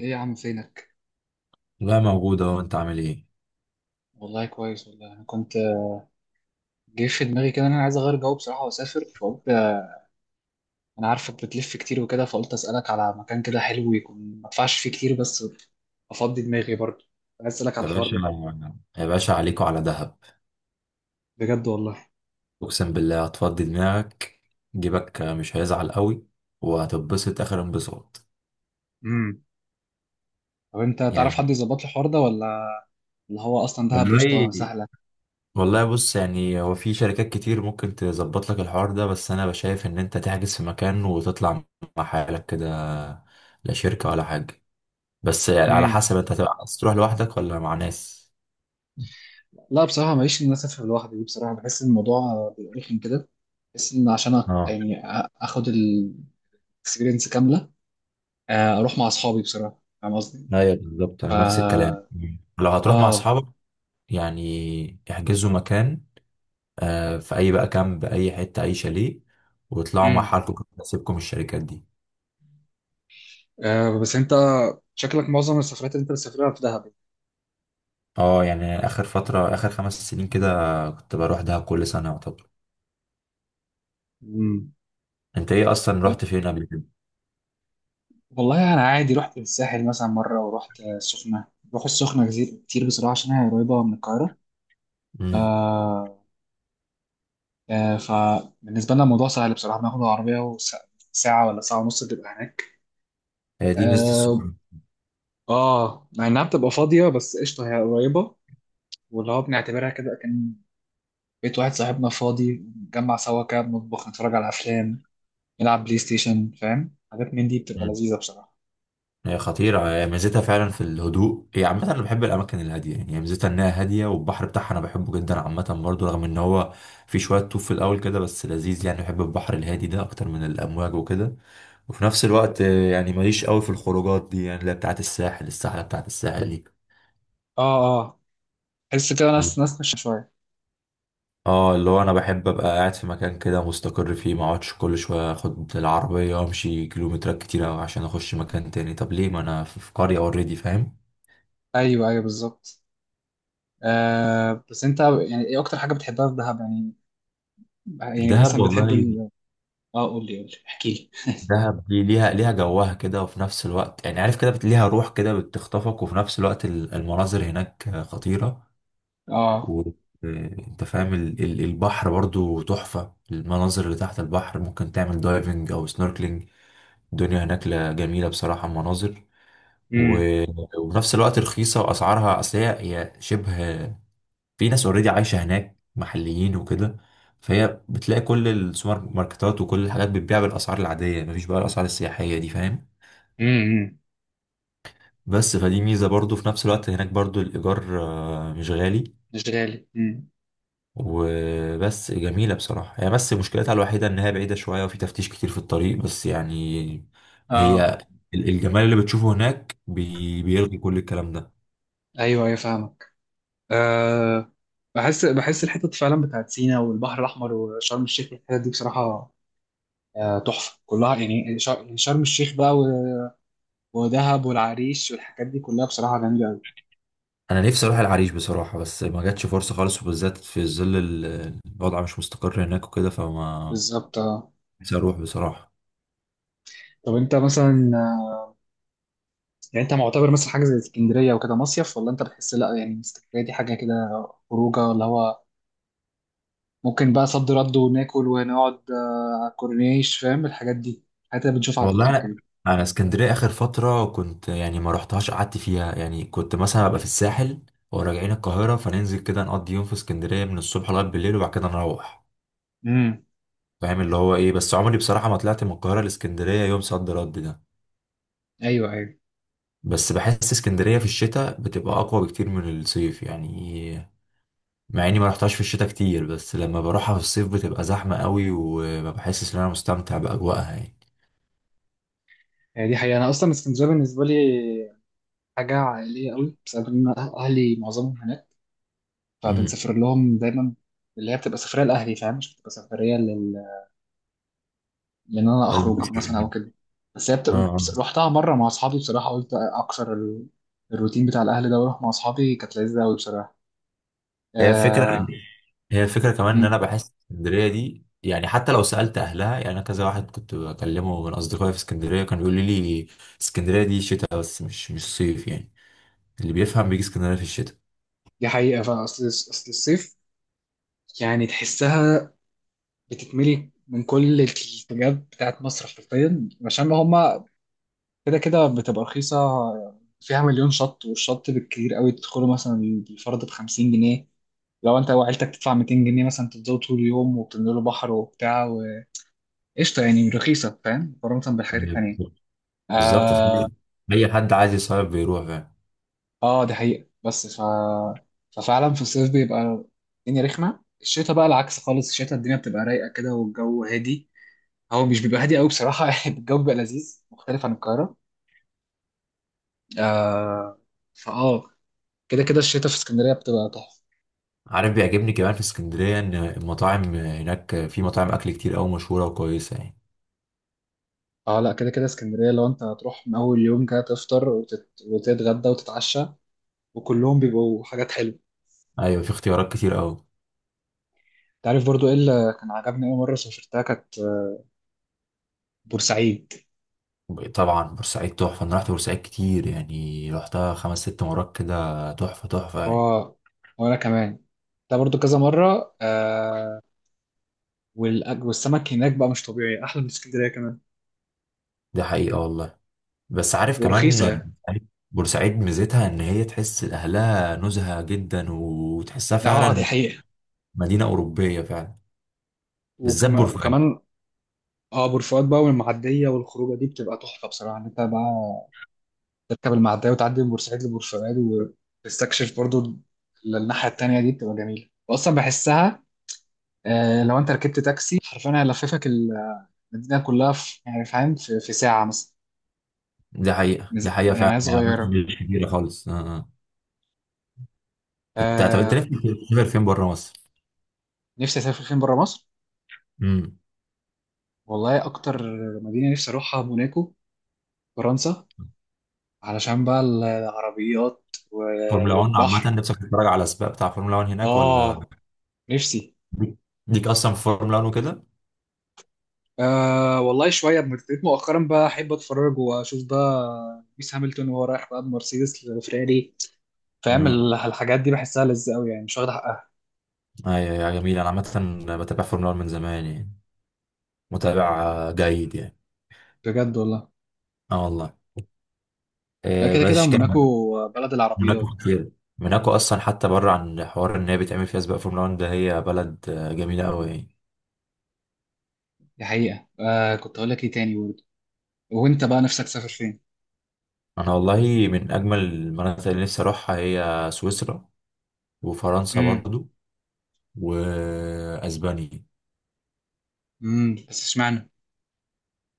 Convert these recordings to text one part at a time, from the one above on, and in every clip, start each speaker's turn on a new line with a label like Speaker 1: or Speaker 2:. Speaker 1: ايه يا عم فينك؟
Speaker 2: لا، موجودة. وانت عامل ايه؟
Speaker 1: والله كويس، والله انا كنت جه في دماغي كده ان انا عايز اغير جو بصراحه واسافر، فقلت انا عارفك بتلف كتير وكده، فقلت اسالك على مكان كده حلو يكون ما ادفعش فيه كتير بس افضي دماغي برضه. عايز اسالك على
Speaker 2: يا
Speaker 1: الحوار
Speaker 2: باشا،
Speaker 1: ده.
Speaker 2: يا باشا، عليكوا على دهب.
Speaker 1: بجد والله.
Speaker 2: اقسم بالله هتفضي دماغك. جيبك مش هيزعل قوي. وهتتبسط اخر انبساط.
Speaker 1: امم. طب انت تعرف حد
Speaker 2: يعني
Speaker 1: يظبط لي الحوار ده ولا؟ اللي هو اصلا دهب قشطه
Speaker 2: والله
Speaker 1: سهله.
Speaker 2: والله بص، يعني هو في شركات كتير ممكن تظبط لك الحوار ده، بس انا بشايف ان انت تحجز في مكان وتطلع مع حالك كده. لا شركة ولا حاجة. بس يعني على
Speaker 1: امم.
Speaker 2: حسب، انت هتبقى عايز تروح لوحدك ولا مع ناس؟
Speaker 1: لا بصراحه ماليش ان انا اسافر لوحدي دي، بصراحه بحس ان الموضوع بيبقى رخم كده. بحس ان عشان
Speaker 2: اه،
Speaker 1: يعني اخد الاكسبيرينس كامله. آه، اروح مع اصحابي بصراحه، فاهم قصدي.
Speaker 2: ايوه بالظبط، انا نفس الكلام.
Speaker 1: اه.
Speaker 2: لو هتروح مع
Speaker 1: آه.
Speaker 2: اصحابك يعني احجزوا مكان. في اي بقى كامب، اي حته، اي شاليه، واطلعوا مع
Speaker 1: امم.
Speaker 2: حالكم. كنت هسيبكم الشركات دي.
Speaker 1: آه، بس انت شكلك معظم السفرات اللي انت بتسافرها في دهب.
Speaker 2: اه، يعني اخر فتره، اخر 5 سنين كده كنت بروح دهب كل سنه يعتبر.
Speaker 1: امم.
Speaker 2: انت ايه اصلا؟ رحت فين قبل كده؟
Speaker 1: والله انا عادي رحت الساحل مثلا مره، ورحت السخنه، بروح السخنه كتير كتير بصراحه عشان هي قريبه من القاهره.
Speaker 2: امم.
Speaker 1: آه. آه، فبالنسبه لنا الموضوع سهل بصراحه، بناخد العربيه وساعه ولا ساعه ونص بتبقى هناك.
Speaker 2: هي دي ميزه
Speaker 1: اه.
Speaker 2: السفر.
Speaker 1: آه، مع انها بتبقى فاضيه بس قشطه هي قريبه. واللي هو بنعتبرها كده، كان بيت واحد صاحبنا فاضي، نجمع سوا كده، بنطبخ، نتفرج على افلام، نلعب بلاي ستيشن، فاهم حاجات من دي بتبقى لذيذة بصراحة.
Speaker 2: هي خطيرة، هي ميزتها فعلا في الهدوء. هي عامة أنا بحب الأماكن الهادية، يعني هي ميزتها إنها هادية، والبحر بتاعها أنا بحبه جدا عامة برضو، رغم إن هو في شوية طوف في الأول كده، بس لذيذ يعني. بحب البحر الهادي ده أكتر من الأمواج وكده. وفي نفس الوقت يعني ماليش قوي في الخروجات دي، يعني اللي هي بتاعت الساحل الساحلة بتاعت الساحل دي.
Speaker 1: اه، اه. تحس كده ناس ناس، خش شوية.
Speaker 2: اه، اللي هو انا بحب ابقى قاعد في مكان كده مستقر فيه، ما اقعدش كل شويه اخد العربيه وامشي كيلومترات كتيره عشان اخش مكان تاني. طب ليه؟ ما انا في قريه اوريدي، فاهم.
Speaker 1: ايوه، ايوه بالظبط. آه، بس انت يعني ايه اكتر حاجة بتحبها في دهب يعني؟ يعني
Speaker 2: دهب
Speaker 1: مثلا
Speaker 2: والله.
Speaker 1: بتحب اه، قول لي، قول لي، احكي لي.
Speaker 2: دهب دي ليها جوها كده، وفي نفس الوقت يعني عارف كده، ليها روح كده بتخطفك. وفي نفس الوقت المناظر هناك خطيرة.
Speaker 1: اه.
Speaker 2: وانت فاهم، البحر برضو تحفة. المناظر اللي تحت البحر ممكن تعمل دايفنج او سنوركلينج. الدنيا هناك جميلة بصراحة، مناظر.
Speaker 1: امم.
Speaker 2: و- وفي نفس الوقت رخيصة، واسعارها اصل هي شبه، في ناس اوريدي عايشة هناك محليين وكده، فهي بتلاقي كل السوبر ماركتات وكل الحاجات بتبيع بالاسعار العادية، مفيش بقى الاسعار السياحية دي، فاهم.
Speaker 1: امم،
Speaker 2: بس فدي ميزة برضو. في نفس الوقت هناك برضو الإيجار مش غالي،
Speaker 1: مش غالي، امم.
Speaker 2: وبس جميلة بصراحة هي. بس مشكلتها الوحيدة إن هي بعيدة شوية، وفي تفتيش كتير في الطريق، بس يعني
Speaker 1: اه،
Speaker 2: هي الجمال اللي بتشوفه هناك بيلغي كل الكلام ده.
Speaker 1: ايوه ايوه فاهمك. آه. بحس بحس الحتت فعلا بتاعت سينا والبحر الاحمر وشرم الشيخ والحتت دي بصراحة، آه تحفة كلها. يعني يعني شرم الشيخ بقى ودهب والعريش والحاجات دي كلها بصراحة جميلة أوي.
Speaker 2: أنا نفسي أروح العريش بصراحة، بس ما جاتش فرصة خالص، وبالذات في ظل الوضع مش مستقر هناك وكده، فما،
Speaker 1: بالظبط، اه.
Speaker 2: نفسي أروح بصراحة.
Speaker 1: طب أنت مثلا آه، يعني أنت معتبر مثلا حاجة زي اسكندرية وكده مصيف، ولا أنت بتحس لأ يعني اسكندرية دي حاجة كده، خروجة اللي هو ممكن بقى صد رد وناكل ونقعد على الكورنيش، فاهم الحاجات دي، الحاجات اللي بنشوفها على تيك
Speaker 2: والله
Speaker 1: توك
Speaker 2: انا
Speaker 1: كده.
Speaker 2: انا اسكندريه اخر فتره كنت يعني ما رحتهاش، قعدت فيها يعني. كنت مثلا ابقى في الساحل وراجعين القاهره، فننزل كده نقضي يوم في اسكندريه من الصبح لغايه بالليل، وبعد كده نروح،
Speaker 1: امم.
Speaker 2: فاهم اللي هو ايه. بس عمري بصراحه ما طلعت من القاهره لاسكندريه يوم صد رد ده.
Speaker 1: ايوه، ايوه.
Speaker 2: بس بحس اسكندريه في الشتاء بتبقى اقوى بكتير من الصيف يعني. مع اني ما رحتهاش في الشتاء كتير، بس لما بروحها في الصيف بتبقى زحمه قوي، وما بحسش ان انا مستمتع باجواءها يعني.
Speaker 1: هي دي حقيقة، أنا أصلا اسكندرية بالنسبة لي حاجة عائلية قوي بسبب إن أهلي معظمهم هناك،
Speaker 2: امم.
Speaker 1: فبنسافر لهم دايما. اللي هي بتبقى سفرية لأهلي، فاهم، مش بتبقى سفرية لان انا اخرج مثلا او كده. بس هي
Speaker 2: اه.
Speaker 1: بتبقى
Speaker 2: آه.
Speaker 1: رحتها مره مع اصحابي بصراحه، قلت اكسر الروتين بتاع الاهل ده واروح مع اصحابي، كانت لذيذه قوي بصراحه.
Speaker 2: هي الفكرة
Speaker 1: آه.
Speaker 2: هي الفكرة كمان ان انا
Speaker 1: أمم،
Speaker 2: بحس اسكندرية دي، يعني حتى لو سألت اهلها، يعني انا كذا واحد كنت بكلمه من اصدقائي في اسكندرية كان بيقول لي اسكندرية دي شتاء بس، مش صيف يعني. اللي بيفهم بيجي اسكندرية في الشتاء.
Speaker 1: دي حقيقه فاصل اصل الصيف يعني تحسها بتتملي من كل الاتجاهات بتاعت مصر حرفيا عشان هما كده كده بتبقى رخيصه. فيها مليون شط، والشط بالكتير قوي تدخله مثلا بالفرد ب 50 جنيه. لو انت وعيلتك تدفع 200 جنيه مثلا تفضلوا طول اليوم، وبتنزلوا بحر وبتاع. قشطه يعني رخيصه، فاهم، مقارنه بالحاجات
Speaker 2: أيوة
Speaker 1: التانيه.
Speaker 2: بالظبط. بالظبط،
Speaker 1: اه.
Speaker 2: فاهم؟ اي حد عايز يصيف بيروح، فاهم.
Speaker 1: اه، دي حقيقه بس ففعلا في الصيف بيبقى الدنيا رخمه. الشتاء بقى العكس خالص، الشتاء الدنيا بتبقى رايقه كده والجو هادي. هو مش بيبقى هادي قوي بصراحه الجو بيبقى لذيذ، مختلف عن القاهره. آه. فاه. كده كده الشتاء في اسكندريه بتبقى تحفه.
Speaker 2: عارف، بيعجبني كمان في اسكندرية ان المطاعم هناك، في مطاعم اكل كتير قوي مشهورة وكويسة يعني.
Speaker 1: اه، لا كده كده اسكندريه لو انت هتروح من اول يوم كده تفطر وتتغدى وتتعشى، وكلهم بيبقوا حاجات حلوه.
Speaker 2: ايوه، في اختيارات كتير قوي.
Speaker 1: تعرف برضو ايه اللي كان عجبني اول مره سافرتها، كانت بورسعيد.
Speaker 2: طبعا بورسعيد تحفة. انا رحت بورسعيد كتير، يعني رحتها خمس ست مرات كده، تحفة تحفة يعني.
Speaker 1: هو وانا كمان ده برضو كذا مره. آه. والسمك هناك بقى مش طبيعي، احلى من اسكندريه كمان.
Speaker 2: دي حقيقة والله. بس عارف كمان،
Speaker 1: ورخيصه يعني.
Speaker 2: عارف بورسعيد ميزتها ان هي تحس اهلها نزهة جدا، وتحسها
Speaker 1: لا، اه دي
Speaker 2: فعلا
Speaker 1: حقيقه.
Speaker 2: مدينة أوروبية فعلا، بالذات بورسعيد.
Speaker 1: وكمان اه بورفؤاد بقى والمعديه والخروجه دي بتبقى تحفه بصراحه، ان انت بقى تركب المعديه وتعدي من بورسعيد لبورفؤاد وتستكشف برضو الناحيه التانيه، دي بتبقى جميله، واصلا بحسها. آه، لو انت ركبت تاكسي حرفيا هيلففك المدينه كلها في، يعني فاهم، في ساعه مثلا.
Speaker 2: دي حقيقة دي حقيقة
Speaker 1: يعني
Speaker 2: فعلا
Speaker 1: هي
Speaker 2: يعني. أماكن
Speaker 1: صغيره.
Speaker 2: مش كبيرة خالص. آه. آه. انت، طب انت
Speaker 1: آه.
Speaker 2: نفسك تسافر فين بره مصر؟
Speaker 1: نفسي اسافر فين بره مصر؟
Speaker 2: امم.
Speaker 1: والله اكتر مدينه نفسي اروحها موناكو، فرنسا، علشان بقى العربيات
Speaker 2: فورمولا 1 عامة،
Speaker 1: والبحر.
Speaker 2: نفسك تتفرج على السباق بتاع فورمولا 1 هناك؟ ولا
Speaker 1: اه، نفسي.
Speaker 2: ليك أصلا في فورمولا 1 وكده؟
Speaker 1: آه والله شويه ابتديت مؤخرا بقى احب اتفرج واشوف بقى لويس هامilton وهو رايح بقى بمرسيدس لفراري. فاهم
Speaker 2: امم.
Speaker 1: الحاجات دي بحسها لذة قوي، يعني مش واخد حقها.
Speaker 2: ايوه يا جميل، أنا عامة بتابع فورمولا 1 من زمان يعني، متابع جيد يعني.
Speaker 1: بجد والله.
Speaker 2: اه والله.
Speaker 1: لا كده كده
Speaker 2: بس كمل.
Speaker 1: موناكو بلد
Speaker 2: موناكو
Speaker 1: العربيات.
Speaker 2: خطيرة. موناكو أصلا، حتى بره عن حوار إن هي بتعمل فيها سباق فورمولا 1 ده، هي بلد جميلة أوي يعني.
Speaker 1: دي حقيقه. آه، كنت هقول لك ايه تاني برضه؟ وانت بقى نفسك تسافر فين؟
Speaker 2: أنا والله، من أجمل المناطق اللي نفسي أروحها هي سويسرا، وفرنسا
Speaker 1: امم.
Speaker 2: برضو، وأسبانيا.
Speaker 1: امم، بس اشمعنى؟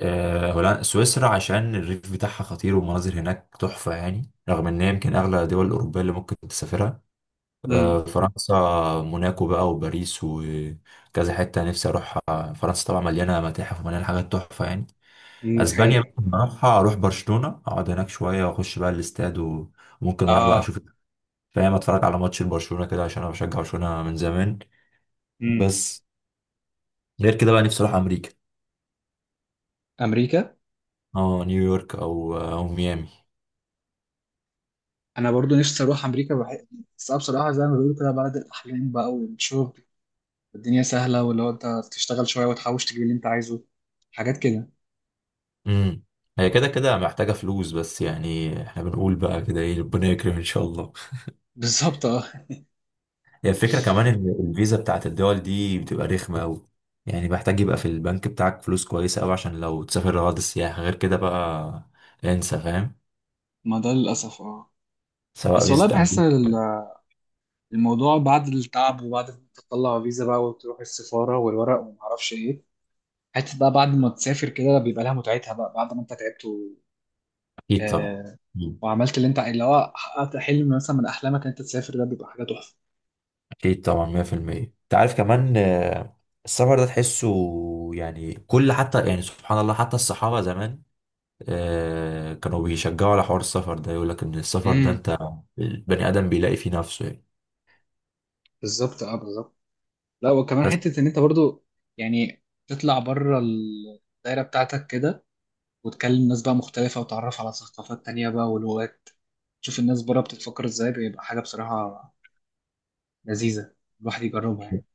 Speaker 2: سويسرا عشان الريف بتاعها خطير، والمناظر هناك تحفة يعني، رغم إن هي يمكن أغلى الدول الأوروبية اللي ممكن تسافرها.
Speaker 1: امم.
Speaker 2: فرنسا، موناكو بقى وباريس وكذا حتة نفسي أروحها. فرنسا طبعا مليانة متاحف ومليانة حاجات تحفة يعني.
Speaker 1: أمم، دي
Speaker 2: اسبانيا
Speaker 1: حقيقه.
Speaker 2: ممكن اروحها، اروح برشلونه اقعد هناك شويه واخش بقى الاستاد، وممكن اروح بقى
Speaker 1: اه.
Speaker 2: اشوف، فاهم، اتفرج على ماتش برشلونه كده، عشان انا بشجع برشلونه من زمان.
Speaker 1: امم.
Speaker 2: بس غير كده بقى نفسي اروح امريكا.
Speaker 1: امريكا.
Speaker 2: اه، نيويورك او او ميامي.
Speaker 1: انا برضو نفسي اروح امريكا بس أنا بصراحه زي ما بيقولوا كده بلد الاحلام بقى، والشغل الدنيا سهله، واللي هو انت تشتغل شويه وتحوش تجيب اللي انت عايزه، حاجات كده.
Speaker 2: امم. هي كده كده محتاجه فلوس، بس يعني احنا بنقول بقى كده ايه، ربنا يكرم ان شاء الله.
Speaker 1: بالظبط اه.
Speaker 2: هي الفكره كمان ان الفيزا بتاعت الدول دي بتبقى رخمه قوي، يعني محتاج يبقى في البنك بتاعك فلوس كويسه قوي عشان لو تسافر غرض السياحه. غير كده بقى، انسى، فاهم.
Speaker 1: ما ده للاسف اه.
Speaker 2: سواء
Speaker 1: بس والله
Speaker 2: فيزا
Speaker 1: بحس
Speaker 2: أمريكا.
Speaker 1: الموضوع بعد التعب، وبعد ما تطلع فيزا بقى وتروح السفاره والورق وما اعرفش ايه، حتى بقى بعد ما تسافر كده بيبقى لها متعتها بقى، بعد ما انت تعبت
Speaker 2: أكيد طبعا.
Speaker 1: آه...
Speaker 2: مم.
Speaker 1: وعملت اللي هو حققت حلم مثلا من احلامك ان انت تسافر، ده بيبقى حاجه تحفه.
Speaker 2: أكيد طبعا 100%. أنت عارف كمان، السفر ده تحسه، يعني كل، حتى يعني سبحان الله، حتى الصحابة زمان كانوا بيشجعوا على حوار السفر ده، يقول لك إن السفر ده،
Speaker 1: امم.
Speaker 2: أنت البني آدم بيلاقي فيه نفسه يعني.
Speaker 1: بالظبط، اه بالظبط. لا، وكمان
Speaker 2: بس
Speaker 1: حتة إن أنت برضو يعني تطلع بره الدايرة بتاعتك كده، وتكلم ناس بقى مختلفة، وتعرف على ثقافات تانية بقى ولغات، تشوف الناس بره بتتفكر إزاي، بيبقى حاجة بصراحة لذيذة، الواحد يجربها يعني.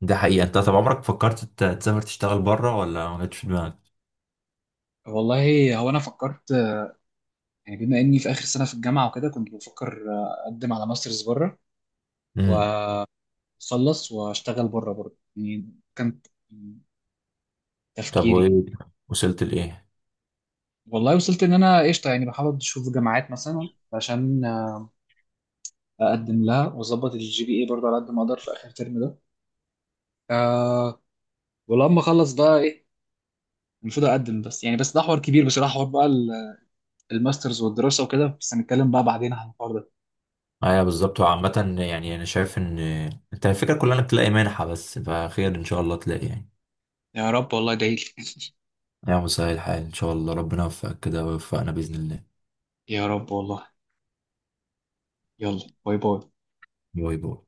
Speaker 2: ده حقيقة. أنت طب عمرك فكرت تسافر تشتغل بره ولا ما جاتش في دماغك؟
Speaker 1: والله هو أنا فكرت، يعني بما إني في آخر سنة في الجامعة وكده كنت بفكر أقدم على ماسترز بره،
Speaker 2: امم.
Speaker 1: وأخلص وأشتغل بره برضه، يعني كان
Speaker 2: طب
Speaker 1: تفكيري.
Speaker 2: وإيه، وصلت لإيه؟
Speaker 1: والله وصلت إن أنا قشطة، يعني بحاول أشوف جامعات مثلا عشان اقدم لها، واظبط الجي بي اي برضه على قد ما اقدر في اخر ترم ده. آه. ولما اخلص بقى ايه المفروض اقدم، بس يعني بس ده حوار كبير بصراحه، حوار بقى الماسترز والدراسه وكده، بس هنتكلم بقى بعدين عن الحوار ده.
Speaker 2: ايوه بالظبط. وعامة يعني انا شايف ان انت الفكرة كلها انك تلاقي منحة، بس فخير ان شاء الله تلاقي يعني.
Speaker 1: يا رب والله، ادعي لي.
Speaker 2: يا مساء الحال، ان شاء الله ربنا يوفقك كده، ويوفقنا باذن الله.
Speaker 1: يا رب والله. يلا باي باي.
Speaker 2: باي باي.